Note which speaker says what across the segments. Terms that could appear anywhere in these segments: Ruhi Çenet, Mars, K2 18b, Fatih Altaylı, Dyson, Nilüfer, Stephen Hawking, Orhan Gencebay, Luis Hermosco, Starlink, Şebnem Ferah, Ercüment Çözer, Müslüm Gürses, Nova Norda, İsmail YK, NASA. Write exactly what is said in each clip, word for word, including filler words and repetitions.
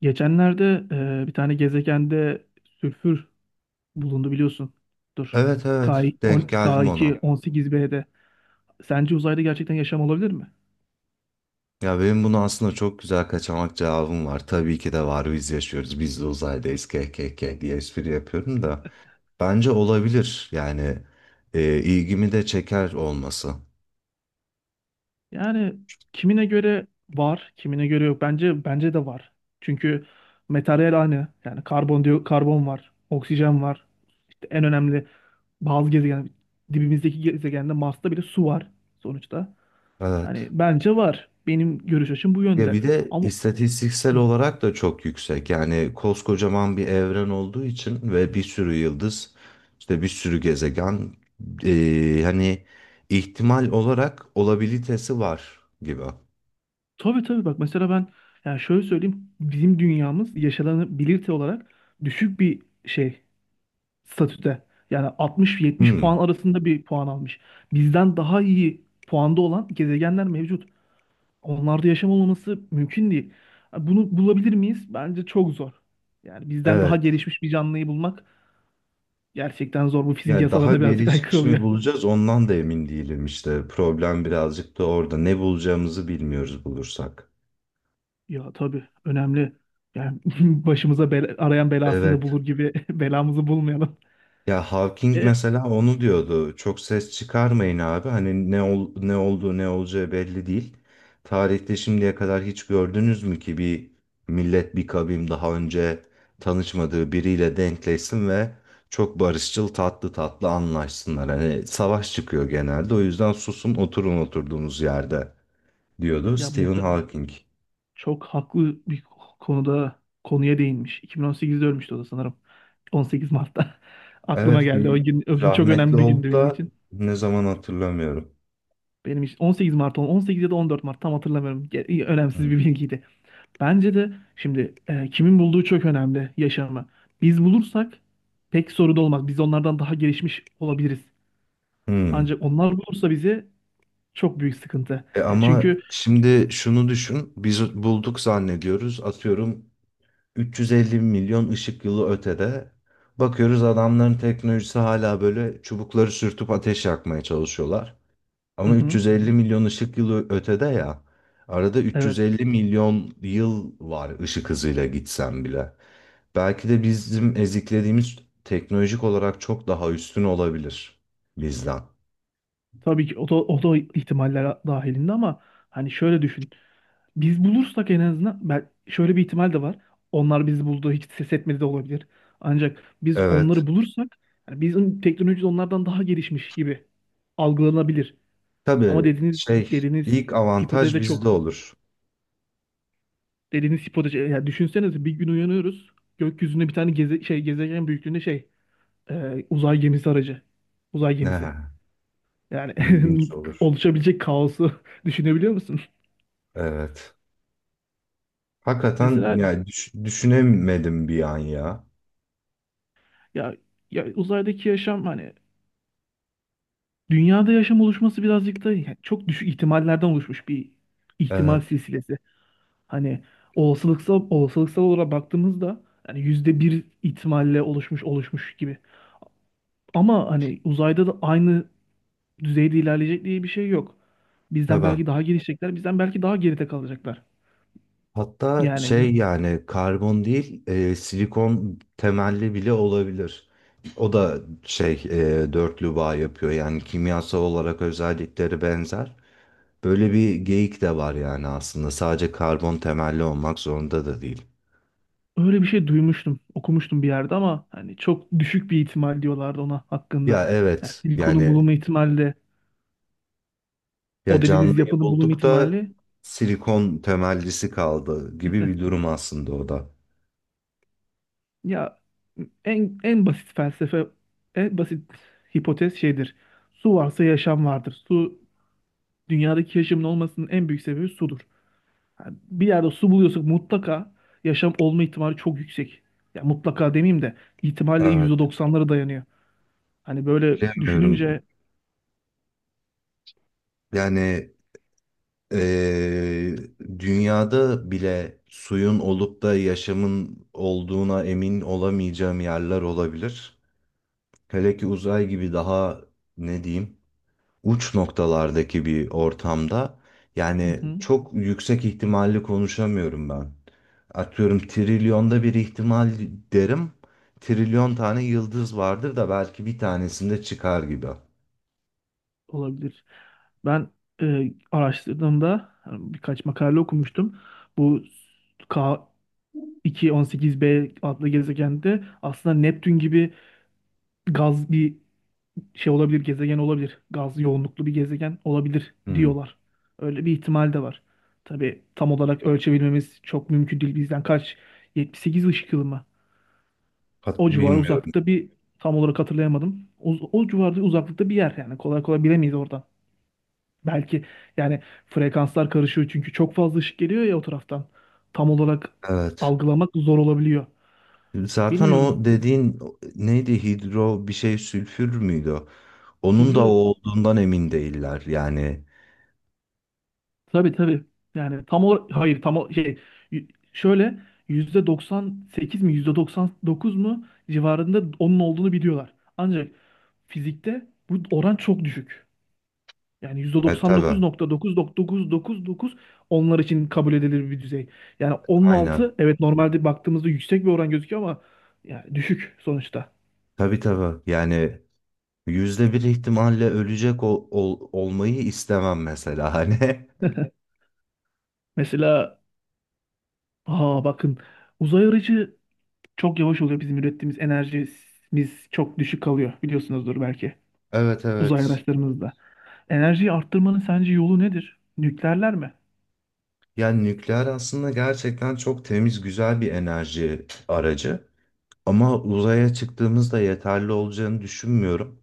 Speaker 1: Geçenlerde e, bir tane gezegende sülfür bulundu biliyorsun. Dur.
Speaker 2: Evet evet
Speaker 1: K
Speaker 2: denk
Speaker 1: on-
Speaker 2: geldim
Speaker 1: ka iki
Speaker 2: ona.
Speaker 1: on sekiz bede'de. Sence uzayda gerçekten yaşam olabilir mi?
Speaker 2: Ya benim bunu aslında çok güzel kaçamak cevabım var. Tabii ki de var, biz yaşıyoruz, biz de uzaydayız kkk diye espri yapıyorum da. Bence olabilir yani e, ilgimi de çeker olması.
Speaker 1: Yani kimine göre var, kimine göre yok. Bence bence de var. Çünkü materyal aynı. Yani karbon diyor, karbon var, oksijen var. İşte en önemli bazı gezegen dibimizdeki gezegende Mars'ta bile su var sonuçta. Hani
Speaker 2: Evet.
Speaker 1: bence var. Benim görüş açım bu
Speaker 2: Ya
Speaker 1: yönde.
Speaker 2: bir de
Speaker 1: Ama
Speaker 2: istatistiksel
Speaker 1: hı,
Speaker 2: olarak da çok yüksek. Yani koskocaman bir evren olduğu için ve bir sürü yıldız, işte bir sürü gezegen, e, hani ihtimal olarak olabilitesi var gibi.
Speaker 1: tabii tabii bak mesela ben yani şöyle söyleyeyim bizim dünyamız yaşanabilirte olarak düşük bir şey. Statüde. Yani altmıştan yetmişe puan
Speaker 2: Hmm.
Speaker 1: arasında bir puan almış. Bizden daha iyi puanda olan gezegenler mevcut. Onlarda yaşam olmaması mümkün değil. Bunu bulabilir miyiz? Bence çok zor. Yani bizden daha
Speaker 2: Evet.
Speaker 1: gelişmiş bir canlıyı bulmak gerçekten zor. Bu fizik
Speaker 2: Yani daha
Speaker 1: yasalarına birazcık aykırı
Speaker 2: gelişmiş
Speaker 1: oluyor.
Speaker 2: mi bulacağız ondan da emin değilim işte. Problem birazcık da orada. Ne bulacağımızı bilmiyoruz bulursak.
Speaker 1: Ya tabii önemli. Yani başımıza bela, arayan belasını da
Speaker 2: Evet.
Speaker 1: bulur gibi belamızı bulmayalım.
Speaker 2: Ya Hawking
Speaker 1: E,
Speaker 2: mesela onu diyordu. Çok ses çıkarmayın abi. Hani ne ol, ne olduğu ne olacağı belli değil. Tarihte şimdiye kadar hiç gördünüz mü ki bir millet, bir kavim, daha önce tanışmadığı biriyle denkleşsin ve çok barışçıl, tatlı tatlı anlaşsınlar. Hani savaş çıkıyor genelde. O yüzden susun, oturun oturduğunuz yerde, diyordu
Speaker 1: Ya
Speaker 2: Stephen
Speaker 1: muhtemelen
Speaker 2: Hawking.
Speaker 1: çok haklı bir konuda konuya değinmiş. iki bin on sekizde ölmüştü o da sanırım. on sekiz Mart'ta. Aklıma
Speaker 2: Evet,
Speaker 1: geldi. O
Speaker 2: bir
Speaker 1: gün o gün çok
Speaker 2: rahmetli
Speaker 1: önemli bir gündü
Speaker 2: oldu
Speaker 1: benim
Speaker 2: da
Speaker 1: için.
Speaker 2: ne zaman hatırlamıyorum.
Speaker 1: Benim için on sekiz Mart ol- on sekiz ya da on dört Mart tam hatırlamıyorum. Ge- iyi, önemsiz bir
Speaker 2: Hmm.
Speaker 1: bilgiydi. Bence de şimdi e, kimin bulduğu çok önemli yaşamı. Biz bulursak pek sorun olmaz. Biz onlardan daha gelişmiş olabiliriz.
Speaker 2: Hmm.
Speaker 1: Ancak onlar bulursa bizi çok büyük sıkıntı.
Speaker 2: E
Speaker 1: Ya
Speaker 2: ama
Speaker 1: çünkü.
Speaker 2: şimdi şunu düşün. Biz bulduk zannediyoruz. Atıyorum üç yüz elli milyon ışık yılı ötede. Bakıyoruz, adamların teknolojisi hala böyle çubukları sürtüp ateş yakmaya çalışıyorlar.
Speaker 1: Hı
Speaker 2: Ama
Speaker 1: hı.
Speaker 2: üç yüz elli milyon ışık yılı ötede ya. Arada
Speaker 1: Evet.
Speaker 2: üç yüz elli milyon yıl var ışık hızıyla gitsen bile. Belki de bizim eziklediğimiz teknolojik olarak çok daha üstün olabilir bizden.
Speaker 1: Tabii ki o da, o da ihtimaller dahilinde ama hani şöyle düşün. Biz bulursak en azından ben şöyle bir ihtimal de var. Onlar bizi buldu, hiç ses etmedi de olabilir. Ancak biz
Speaker 2: Evet.
Speaker 1: onları bulursak yani bizim teknolojimiz onlardan daha gelişmiş gibi algılanabilir. Ama
Speaker 2: Tabii
Speaker 1: dediğiniz
Speaker 2: şey,
Speaker 1: dediğiniz
Speaker 2: ilk
Speaker 1: hipotez
Speaker 2: avantaj
Speaker 1: de
Speaker 2: bizde
Speaker 1: çok
Speaker 2: olur.
Speaker 1: dediğiniz hipotez yani düşünsenize bir gün uyanıyoruz. Gökyüzünde bir tane geze, şey gezegen büyüklüğünde şey e, uzay gemisi aracı. Uzay
Speaker 2: Ne
Speaker 1: gemisi. Yani
Speaker 2: ilginç olur.
Speaker 1: oluşabilecek kaosu düşünebiliyor musun?
Speaker 2: Evet. Hakikaten
Speaker 1: Mesela
Speaker 2: yani düş- düşünemedim bir an ya.
Speaker 1: ya, ya uzaydaki yaşam hani dünyada yaşam oluşması birazcık da yani çok düşük ihtimallerden oluşmuş bir ihtimal
Speaker 2: Evet.
Speaker 1: silsilesi. Hani olasılıksal olasılıksal olarak baktığımızda yani yüzde bir ihtimalle oluşmuş oluşmuş gibi. Ama hani uzayda da aynı düzeyde ilerleyecek diye bir şey yok. Bizden
Speaker 2: Tabii.
Speaker 1: belki daha gelişecekler, bizden belki daha geride kalacaklar.
Speaker 2: Hatta
Speaker 1: Yani
Speaker 2: şey, yani karbon değil, e, silikon temelli bile olabilir. O da şey, e, dörtlü bağ yapıyor, yani kimyasal olarak özellikleri benzer. Böyle bir geyik de var yani, aslında sadece karbon temelli olmak zorunda da değil.
Speaker 1: öyle bir şey duymuştum, okumuştum bir yerde ama hani çok düşük bir ihtimal diyorlardı ona hakkında.
Speaker 2: Ya
Speaker 1: Yani
Speaker 2: evet
Speaker 1: silikonun
Speaker 2: yani,
Speaker 1: bulunma ihtimali de,
Speaker 2: ya
Speaker 1: o dediğiniz
Speaker 2: canlıyı
Speaker 1: yapının bulunma
Speaker 2: bulduk da
Speaker 1: ihtimali.
Speaker 2: silikon temellisi kaldı gibi bir durum aslında o da.
Speaker 1: Ya en en basit felsefe, en basit hipotez şeydir. Su varsa yaşam vardır. Su dünyadaki yaşamın olmasının en büyük sebebi sudur. Yani bir yerde su buluyorsak mutlaka yaşam olma ihtimali çok yüksek. Ya mutlaka demeyeyim de ihtimalle
Speaker 2: Evet,
Speaker 1: yüzde doksanlara dayanıyor. Hani böyle düşününce,
Speaker 2: bilemiyorum yani. Eee, Dünyada bile suyun olup da yaşamın olduğuna emin olamayacağım yerler olabilir. Hele ki uzay gibi daha, ne diyeyim, uç noktalardaki bir ortamda,
Speaker 1: hı
Speaker 2: yani
Speaker 1: hı,
Speaker 2: çok yüksek ihtimalli konuşamıyorum ben. Atıyorum trilyonda bir ihtimal derim. Trilyon tane yıldız vardır da belki bir tanesinde çıkar gibi.
Speaker 1: olabilir. Ben e, araştırdığımda hani birkaç makale okumuştum. Bu ka iki yüz on sekiz b adlı gezegende aslında Neptün gibi gaz bir şey olabilir, gezegen olabilir. Gaz yoğunluklu bir gezegen olabilir
Speaker 2: Hmm.
Speaker 1: diyorlar. Öyle bir ihtimal de var. Tabii tam olarak ölçebilmemiz çok mümkün değil. Bizden kaç? yetmiş sekiz ışık yılı mı?
Speaker 2: Hat-
Speaker 1: O civar
Speaker 2: bilmiyorum.
Speaker 1: uzaklıkta bir tam olarak hatırlayamadım. O, o civarda uzaklıkta bir yer yani kolay kolay bilemeyiz oradan. Belki yani frekanslar karışıyor çünkü çok fazla ışık geliyor ya o taraftan. Tam olarak
Speaker 2: Evet.
Speaker 1: algılamak zor olabiliyor.
Speaker 2: Zaten
Speaker 1: Bilmiyorum.
Speaker 2: o dediğin neydi, hidro bir şey, sülfür müydü o? Onun da o
Speaker 1: Hidro
Speaker 2: olduğundan emin değiller yani.
Speaker 1: Tabii tabii. Yani tam olarak hayır tam o- şey y- şöyle yüzde doksan sekiz mi yüzde doksan dokuz mu civarında onun olduğunu biliyorlar. Ancak fizikte bu oran çok düşük. Yani
Speaker 2: E, tabii,
Speaker 1: yüzde doksan dokuz nokta dokuz dokuz dokuz dokuz onlar için kabul edilir bir düzey. Yani onun
Speaker 2: aynen.
Speaker 1: altı evet normalde baktığımızda yüksek bir oran gözüküyor ama yani düşük sonuçta.
Speaker 2: Tabii tabii, yani yüzde bir ihtimalle ölecek ol- ol- olmayı istemem mesela hani.
Speaker 1: Mesela aa bakın uzay aracı çok yavaş oluyor. Bizim ürettiğimiz enerjimiz çok düşük kalıyor biliyorsunuzdur belki
Speaker 2: Evet
Speaker 1: uzay
Speaker 2: evet.
Speaker 1: araçlarımızda. Enerjiyi arttırmanın sence yolu nedir? Nükleerler mi?
Speaker 2: Yani nükleer aslında gerçekten çok temiz, güzel bir enerji aracı. Ama uzaya çıktığımızda yeterli olacağını düşünmüyorum.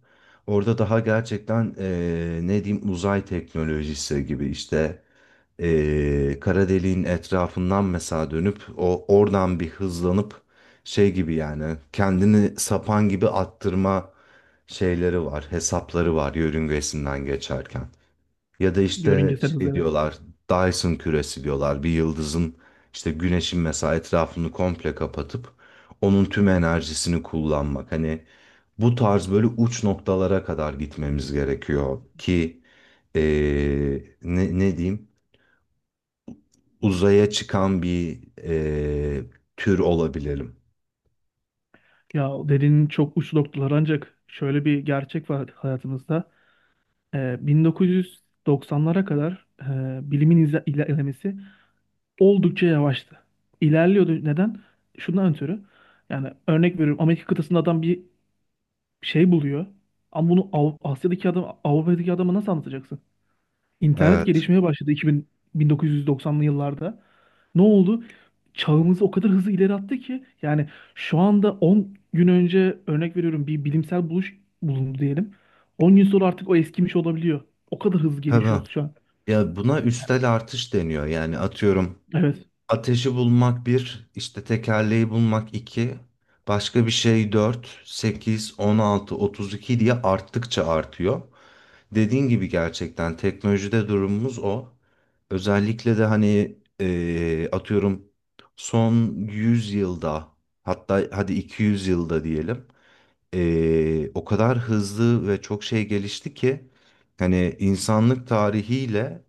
Speaker 2: Orada daha gerçekten eee, ne diyeyim, uzay teknolojisi gibi işte, eee kara deliğin etrafından mesela dönüp o oradan bir hızlanıp şey gibi, yani kendini sapan gibi attırma şeyleri var, hesapları var yörüngesinden geçerken. Ya da işte
Speaker 1: Yörüngesel hız
Speaker 2: şey
Speaker 1: evet.
Speaker 2: diyorlar, Dyson küresi diyorlar. Bir yıldızın, işte güneşin mesela, etrafını komple kapatıp onun tüm enerjisini kullanmak. Hani bu tarz, böyle uç noktalara kadar gitmemiz gerekiyor ki eee, ne, ne diyeyim, uzaya çıkan bir eee, tür olabilirim.
Speaker 1: Ya dediğin çok uç noktalar ancak şöyle bir gerçek var hayatımızda. Ee, bin dokuz yüz doksanlara kadar e, bilimin izle- ilerlemesi oldukça yavaştı. İlerliyordu. Neden? Şundan ötürü. Yani örnek veriyorum Amerika kıtasında adam bir şey buluyor. Ama bunu Av- Asya'daki adam Avrupa'daki adama nasıl anlatacaksın? İnternet
Speaker 2: Evet.
Speaker 1: gelişmeye başladı iki bin, bin dokuz yüz doksanlı yıllarda. Ne oldu? Çağımızı o kadar hızlı ileri attı ki yani şu anda on gün önce örnek veriyorum bir bilimsel buluş bulundu diyelim. on gün sonra artık o eskimiş olabiliyor. O kadar hızlı gelişiyoruz
Speaker 2: Tabii.
Speaker 1: şu an.
Speaker 2: Ya buna üstel artış deniyor. Yani atıyorum,
Speaker 1: Evet.
Speaker 2: ateşi bulmak bir, işte tekerleği bulmak iki, başka bir şey dört, sekiz, on altı, otuz iki diye arttıkça artıyor. Dediğin gibi gerçekten teknolojide durumumuz o. Özellikle de hani eee, atıyorum son yüz yılda, hatta hadi iki yüz yılda diyelim, eee, o kadar hızlı ve çok şey gelişti ki hani insanlık tarihiyle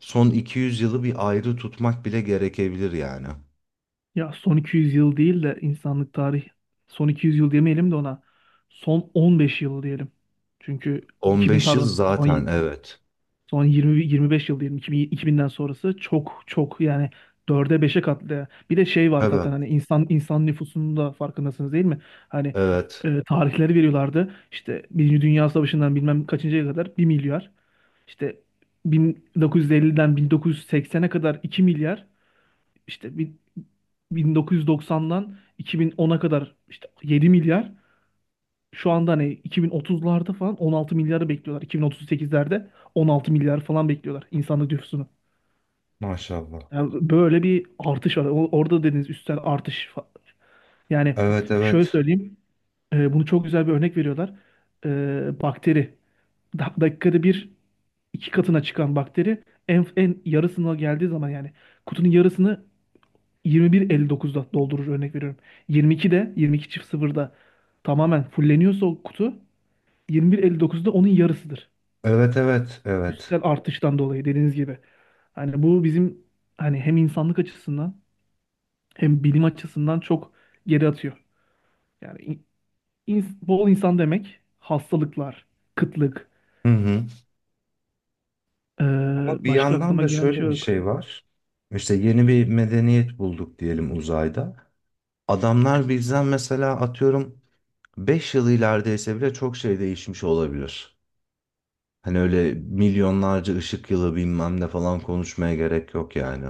Speaker 2: son iki yüz yılı bir ayrı tutmak bile gerekebilir yani.
Speaker 1: Ya son iki yüz yıl değil de insanlık tarih son iki yüz yıl demeyelim de ona son on beş yıl diyelim. Çünkü iki bin
Speaker 2: on beş yıl
Speaker 1: pardon son
Speaker 2: zaten, evet.
Speaker 1: Son yirmi yirmi beş yıl diyelim iki bin iki binden sonrası çok çok yani dörde beşe katlayan. Bir de şey var zaten
Speaker 2: Evet,
Speaker 1: hani insan insan nüfusunun da farkındasınız değil mi? Hani
Speaker 2: evet.
Speaker 1: e, tarihleri veriyorlardı. İşte Birinci Dünya Savaşı'ndan bilmem kaçıncıya kadar bir milyar. İşte bin dokuz yüz elliden bin dokuz yüz seksene kadar iki milyar. İşte bin- 1990'dan iki bin ona kadar işte yedi milyar. Şu anda hani iki bin otuzlarda falan on altı milyarı bekliyorlar. iki bin otuz sekizlerde on altı milyar falan bekliyorlar insanlık nüfusunu.
Speaker 2: Maşallah.
Speaker 1: Yani böyle bir artış var. O- Orada dediğiniz üstel artış. fa- Yani
Speaker 2: Evet,
Speaker 1: şöyle
Speaker 2: evet.
Speaker 1: söyleyeyim. E, bunu çok güzel bir örnek veriyorlar. E, bakteri. Da- dakikada bir iki katına çıkan bakteri en, en yarısına geldiği zaman yani kutunun yarısını yirmi bir elli dokuzda doldurur örnek veriyorum. yirmi ikide yirmi iki çift sıfırda tamamen fulleniyorsa o kutu yirmi bir elli dokuzda onun yarısıdır.
Speaker 2: Evet, evet, evet.
Speaker 1: Üstsel artıştan dolayı dediğiniz gibi. Hani bu bizim hani hem insanlık açısından hem bilim açısından çok geri atıyor. Yani in- ins- bol insan demek hastalıklar, kıtlık,
Speaker 2: Hı hı.
Speaker 1: ee,
Speaker 2: Ama bir
Speaker 1: başka
Speaker 2: yandan
Speaker 1: aklıma
Speaker 2: da
Speaker 1: gelen bir şey
Speaker 2: şöyle bir
Speaker 1: yok.
Speaker 2: şey var. İşte yeni bir medeniyet bulduk diyelim uzayda. Adamlar bizden mesela atıyorum beş yıl ilerideyse bile çok şey değişmiş olabilir. Hani öyle milyonlarca ışık yılı bilmem ne falan konuşmaya gerek yok yani.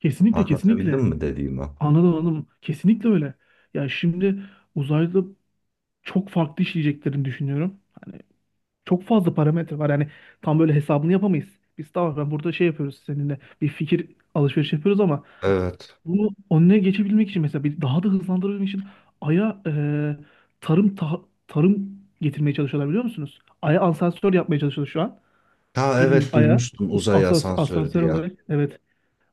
Speaker 1: Kesinlikle kesinlikle.
Speaker 2: Anlatabildim mi dediğimi?
Speaker 1: Anladım anladım. Kesinlikle öyle. Ya şimdi uzayda çok farklı işleyeceklerini düşünüyorum. Hani çok fazla parametre var. Yani tam böyle hesabını yapamayız. Biz tamam ben burada şey yapıyoruz seninle bir fikir alışverişi yapıyoruz ama
Speaker 2: Evet.
Speaker 1: bunu önüne geçebilmek için mesela bir daha da hızlandırabilmek için Ay'a e, tarım ta- tarım getirmeye çalışıyorlar biliyor musunuz? Ay'a asansör yapmaya çalışıyor şu an.
Speaker 2: Ha
Speaker 1: Bildiğiniz
Speaker 2: evet,
Speaker 1: Ay'a
Speaker 2: duymuştum,
Speaker 1: us-
Speaker 2: uzay
Speaker 1: asans-
Speaker 2: asansörü
Speaker 1: asansör
Speaker 2: diye.
Speaker 1: olarak evet.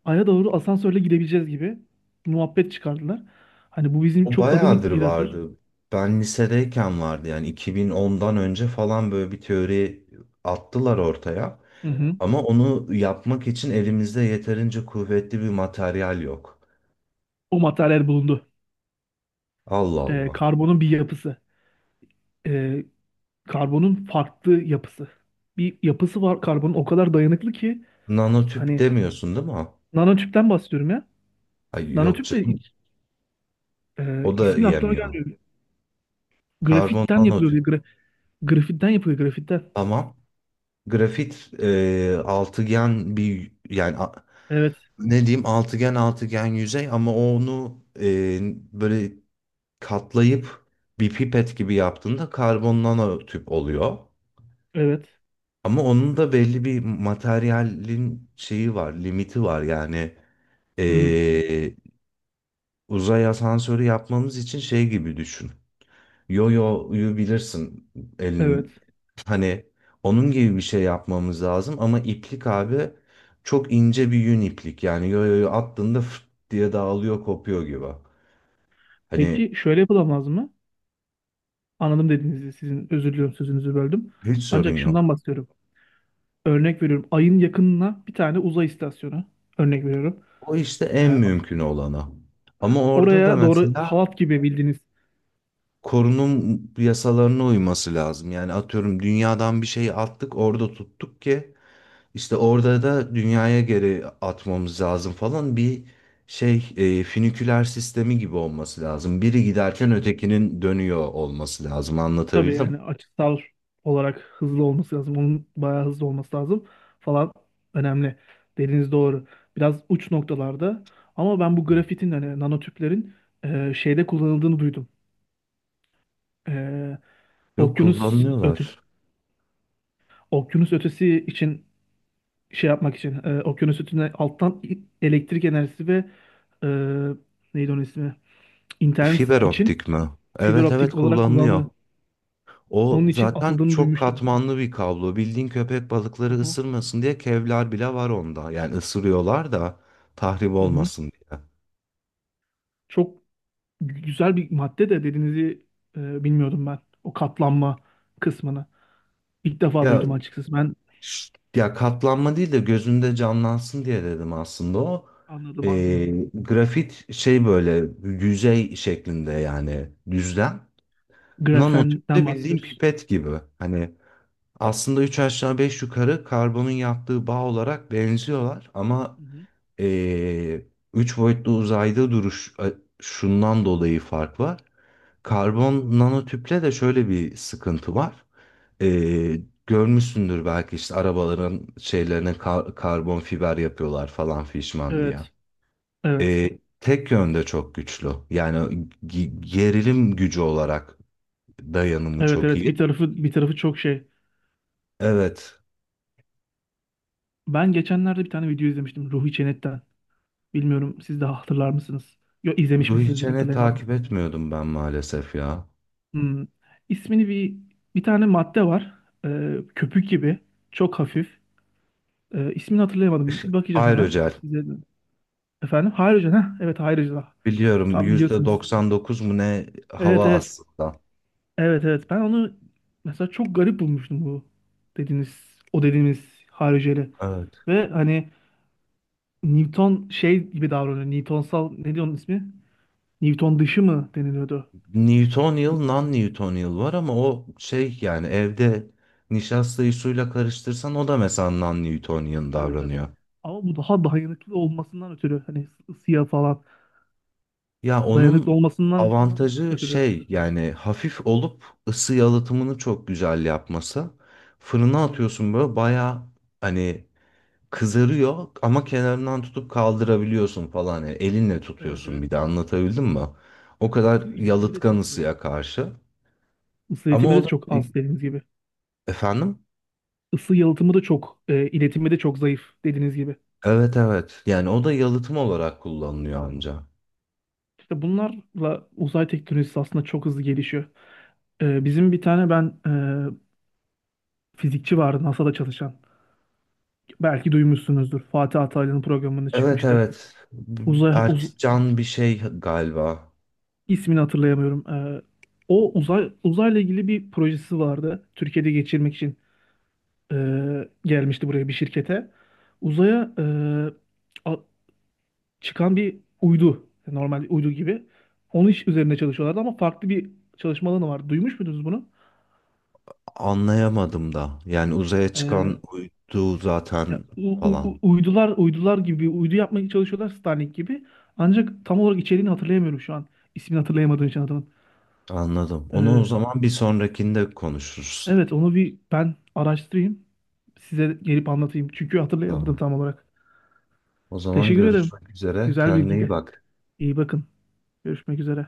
Speaker 1: Ay'a doğru asansörle gidebileceğiz gibi bir muhabbet çıkardılar. Hani bu bizim
Speaker 2: O
Speaker 1: çok adım
Speaker 2: bayağıdır
Speaker 1: it- yaratır.
Speaker 2: vardı. Ben lisedeyken vardı yani, iki bin onundan önce falan böyle bir teori attılar ortaya.
Speaker 1: Hı hı.
Speaker 2: Ama onu yapmak için elimizde yeterince kuvvetli bir materyal yok.
Speaker 1: O materyal bulundu.
Speaker 2: Allah
Speaker 1: E,
Speaker 2: Allah.
Speaker 1: karbonun bir yapısı. Karbonun farklı yapısı. Bir yapısı var karbonun o kadar dayanıklı ki
Speaker 2: Nanotüp
Speaker 1: hani
Speaker 2: demiyorsun değil mi?
Speaker 1: nanotüpten bahsediyorum ya.
Speaker 2: Ay yok
Speaker 1: Nanotüp de
Speaker 2: canım.
Speaker 1: hiç, e,
Speaker 2: O da
Speaker 1: ismi aklıma
Speaker 2: yemiyor.
Speaker 1: gelmiyor.
Speaker 2: Karbon
Speaker 1: Grafitten yapılıyor diye.
Speaker 2: nanotüp.
Speaker 1: Gra- grafitten yapılıyor grafitten.
Speaker 2: Tamam. Grafit, e, altıgen bir, yani a-
Speaker 1: Evet.
Speaker 2: ne diyeyim altıgen, altıgen yüzey, ama onu e, böyle katlayıp bir pipet gibi yaptığında karbon nanotüp oluyor.
Speaker 1: Evet.
Speaker 2: Ama onun da belli bir materyalin şeyi var, limiti var, yani
Speaker 1: Hmm,
Speaker 2: e, uzay asansörü yapmamız için şey gibi düşün. Yo-yo'yu bilirsin,
Speaker 1: evet.
Speaker 2: elin, hani onun gibi bir şey yapmamız lazım ama iplik abi, çok ince bir yün iplik, yani yo-yo'yu attığında fıt diye dağılıyor, kopuyor gibi. Hani,
Speaker 1: Peki şöyle yapılamaz lazım mı? Anladım dediğinizi sizin özür diliyorum sözünüzü böldüm.
Speaker 2: hiç sorun
Speaker 1: Ancak şundan
Speaker 2: yok.
Speaker 1: bahsediyorum. Örnek veriyorum. Ayın yakınına bir tane uzay istasyonu. Örnek veriyorum.
Speaker 2: O işte
Speaker 1: E,
Speaker 2: en mümkün olanı. Ama orada da
Speaker 1: Oraya doğru
Speaker 2: mesela
Speaker 1: halat gibi bildiğiniz.
Speaker 2: korunum yasalarına uyması lazım. Yani atıyorum dünyadan bir şey attık orada tuttuk ki, İşte orada da dünyaya geri atmamız lazım falan, bir şey, e, füniküler sistemi gibi olması lazım. Biri giderken ötekinin dönüyor olması lazım.
Speaker 1: Tabii
Speaker 2: Anlatabildim.
Speaker 1: yani açısal olarak hızlı olması lazım. Onun bayağı hızlı olması lazım falan önemli. Dediğiniz doğru. Biraz uç noktalarda ama ben bu grafitin hani nanotüplerin e, şeyde kullanıldığını duydum. E,
Speaker 2: Yok,
Speaker 1: okyanus ötesi
Speaker 2: kullanılıyorlar.
Speaker 1: okyanus ötesi için şey yapmak için e, okyanus ötesine alttan i- elektrik enerjisi ve e, neydi onun ismi? İnternet
Speaker 2: Fiber
Speaker 1: için
Speaker 2: optik mi?
Speaker 1: fiber
Speaker 2: Evet evet,
Speaker 1: optik olarak
Speaker 2: kullanılıyor.
Speaker 1: kullanımı
Speaker 2: O
Speaker 1: onun için
Speaker 2: zaten
Speaker 1: atıldığını
Speaker 2: çok
Speaker 1: duymuştum.
Speaker 2: katmanlı bir kablo. Bildiğin köpek
Speaker 1: Hı
Speaker 2: balıkları
Speaker 1: hı.
Speaker 2: ısırmasın diye kevlar bile var onda. Yani ısırıyorlar da tahrip
Speaker 1: Hı hı.
Speaker 2: olmasın diye.
Speaker 1: Çok güzel bir madde de dediğinizi e, bilmiyordum ben. O katlanma kısmını. İlk defa
Speaker 2: Ya
Speaker 1: duydum açıkçası. Ben
Speaker 2: şşt, ya katlanma değil de gözünde canlansın diye dedim aslında o.
Speaker 1: anladım anladım.
Speaker 2: Ee, grafit şey böyle yüzey şeklinde, yani düzlem. Nanotüp
Speaker 1: Grafenden
Speaker 2: de bildiğin
Speaker 1: bahsediyoruz.
Speaker 2: pipet gibi. Hani aslında üç aşağı beş yukarı karbonun yaptığı bağ olarak benziyorlar ama
Speaker 1: Hı hı.
Speaker 2: ee, üç boyutlu uzayda duruş a- şundan dolayı fark var. Karbon nanotüple de şöyle bir sıkıntı var. Ee, Görmüşsündür belki, işte arabaların şeylerine kar- karbon fiber yapıyorlar falan fişman diye.
Speaker 1: Evet. Evet.
Speaker 2: Ee, tek yönde çok güçlü. Yani gi- gerilim gücü olarak dayanımı
Speaker 1: Evet
Speaker 2: çok
Speaker 1: evet
Speaker 2: iyi.
Speaker 1: bir tarafı bir tarafı çok şey.
Speaker 2: Evet.
Speaker 1: Ben geçenlerde bir tane video izlemiştim Ruhi Çenet'ten. Bilmiyorum siz de hatırlar mısınız? Yok izlemiş
Speaker 2: Ruhi
Speaker 1: misinizdir
Speaker 2: Çen'i
Speaker 1: hatırlayamadım.
Speaker 2: takip etmiyordum ben maalesef ya.
Speaker 1: Hmm. İsmini bir bir tane madde var. Ee, köpük gibi. Çok hafif. Ee, ismini hatırlayamadım. Bakacağım hemen.
Speaker 2: Aerogel.
Speaker 1: Size efendim hidrojen ha evet hidrojen.
Speaker 2: Biliyorum,
Speaker 1: Tam biliyorsunuz.
Speaker 2: yüzde doksan dokuz mu ne
Speaker 1: Evet
Speaker 2: hava
Speaker 1: evet.
Speaker 2: aslında.
Speaker 1: Evet evet. Ben onu mesela çok garip bulmuştum bu dediğiniz o dediğimiz hariceli.
Speaker 2: Evet.
Speaker 1: Ve hani Newton şey gibi davranıyor. Newtonsal ne diyor onun ismi? Newton dışı mı deniliyordu?
Speaker 2: Newtonial, non-Newtonial var ama o şey, yani evde nişastayı suyla karıştırsan o da mesela non-Newtonian
Speaker 1: Tabii tabii.
Speaker 2: davranıyor.
Speaker 1: Ama bu daha dayanıklı olmasından ötürü hani ısı- ısıya falan
Speaker 2: Ya
Speaker 1: dayanıklı
Speaker 2: onun
Speaker 1: olmasından
Speaker 2: avantajı
Speaker 1: ötürü.
Speaker 2: şey, yani hafif olup ısı yalıtımını çok güzel yapması. Fırına
Speaker 1: Evet.
Speaker 2: atıyorsun böyle baya, hani kızarıyor ama kenarından tutup kaldırabiliyorsun falan. Yani elinle
Speaker 1: Evet
Speaker 2: tutuyorsun
Speaker 1: evet.
Speaker 2: bir de, anlatabildim mi? O
Speaker 1: Yani
Speaker 2: kadar
Speaker 1: ısı iletimi de
Speaker 2: yalıtkan
Speaker 1: çok zayıf.
Speaker 2: ısıya karşı.
Speaker 1: Isı
Speaker 2: Ama
Speaker 1: iletimi
Speaker 2: o
Speaker 1: de
Speaker 2: da
Speaker 1: çok
Speaker 2: e,
Speaker 1: az dediğiniz gibi.
Speaker 2: efendim?
Speaker 1: Isı yalıtımı da çok e, iletimi de çok zayıf dediğiniz gibi.
Speaker 2: Evet evet. Yani o da yalıtım olarak kullanılıyor anca.
Speaker 1: İşte bunlarla uzay teknolojisi aslında çok hızlı gelişiyor. Ee, bizim bir tane ben e, fizikçi vardı NASA'da çalışan. Belki duymuşsunuzdur. Fatih Altaylı'nın programında
Speaker 2: Evet
Speaker 1: çıkmıştı.
Speaker 2: evet.
Speaker 1: Uzay uz-
Speaker 2: Erkcan bir şey galiba.
Speaker 1: ismini hatırlayamıyorum. Ee, o uzay uzayla ilgili bir projesi vardı. Türkiye'de geçirmek için e, gelmişti buraya bir şirkete. Uzaya e, a- çıkan bir uydu, normal bir uydu gibi. Onun iş üzerine çalışıyorlardı ama farklı bir çalışma alanı vardı. Duymuş muydunuz bunu?
Speaker 2: Anlayamadım da. Yani uzaya
Speaker 1: Ee,
Speaker 2: çıkan uydu
Speaker 1: Ya,
Speaker 2: zaten
Speaker 1: u- u-
Speaker 2: falan.
Speaker 1: u- uydular uydular gibi uydu yapmaya çalışıyorlar Starlink gibi. Ancak tam olarak içeriğini hatırlayamıyorum şu an. İsmini hatırlayamadığım için adamın.
Speaker 2: Anladım. Onu o
Speaker 1: Ee,
Speaker 2: zaman bir sonrakinde konuşuruz.
Speaker 1: evet onu bir ben araştırayım. Size gelip anlatayım. Çünkü hatırlayamadım
Speaker 2: Tamam.
Speaker 1: tam olarak.
Speaker 2: O zaman
Speaker 1: Teşekkür ederim.
Speaker 2: görüşmek üzere.
Speaker 1: Güzel
Speaker 2: Kendine iyi
Speaker 1: bilgiydi.
Speaker 2: bak.
Speaker 1: İyi bakın. Görüşmek üzere.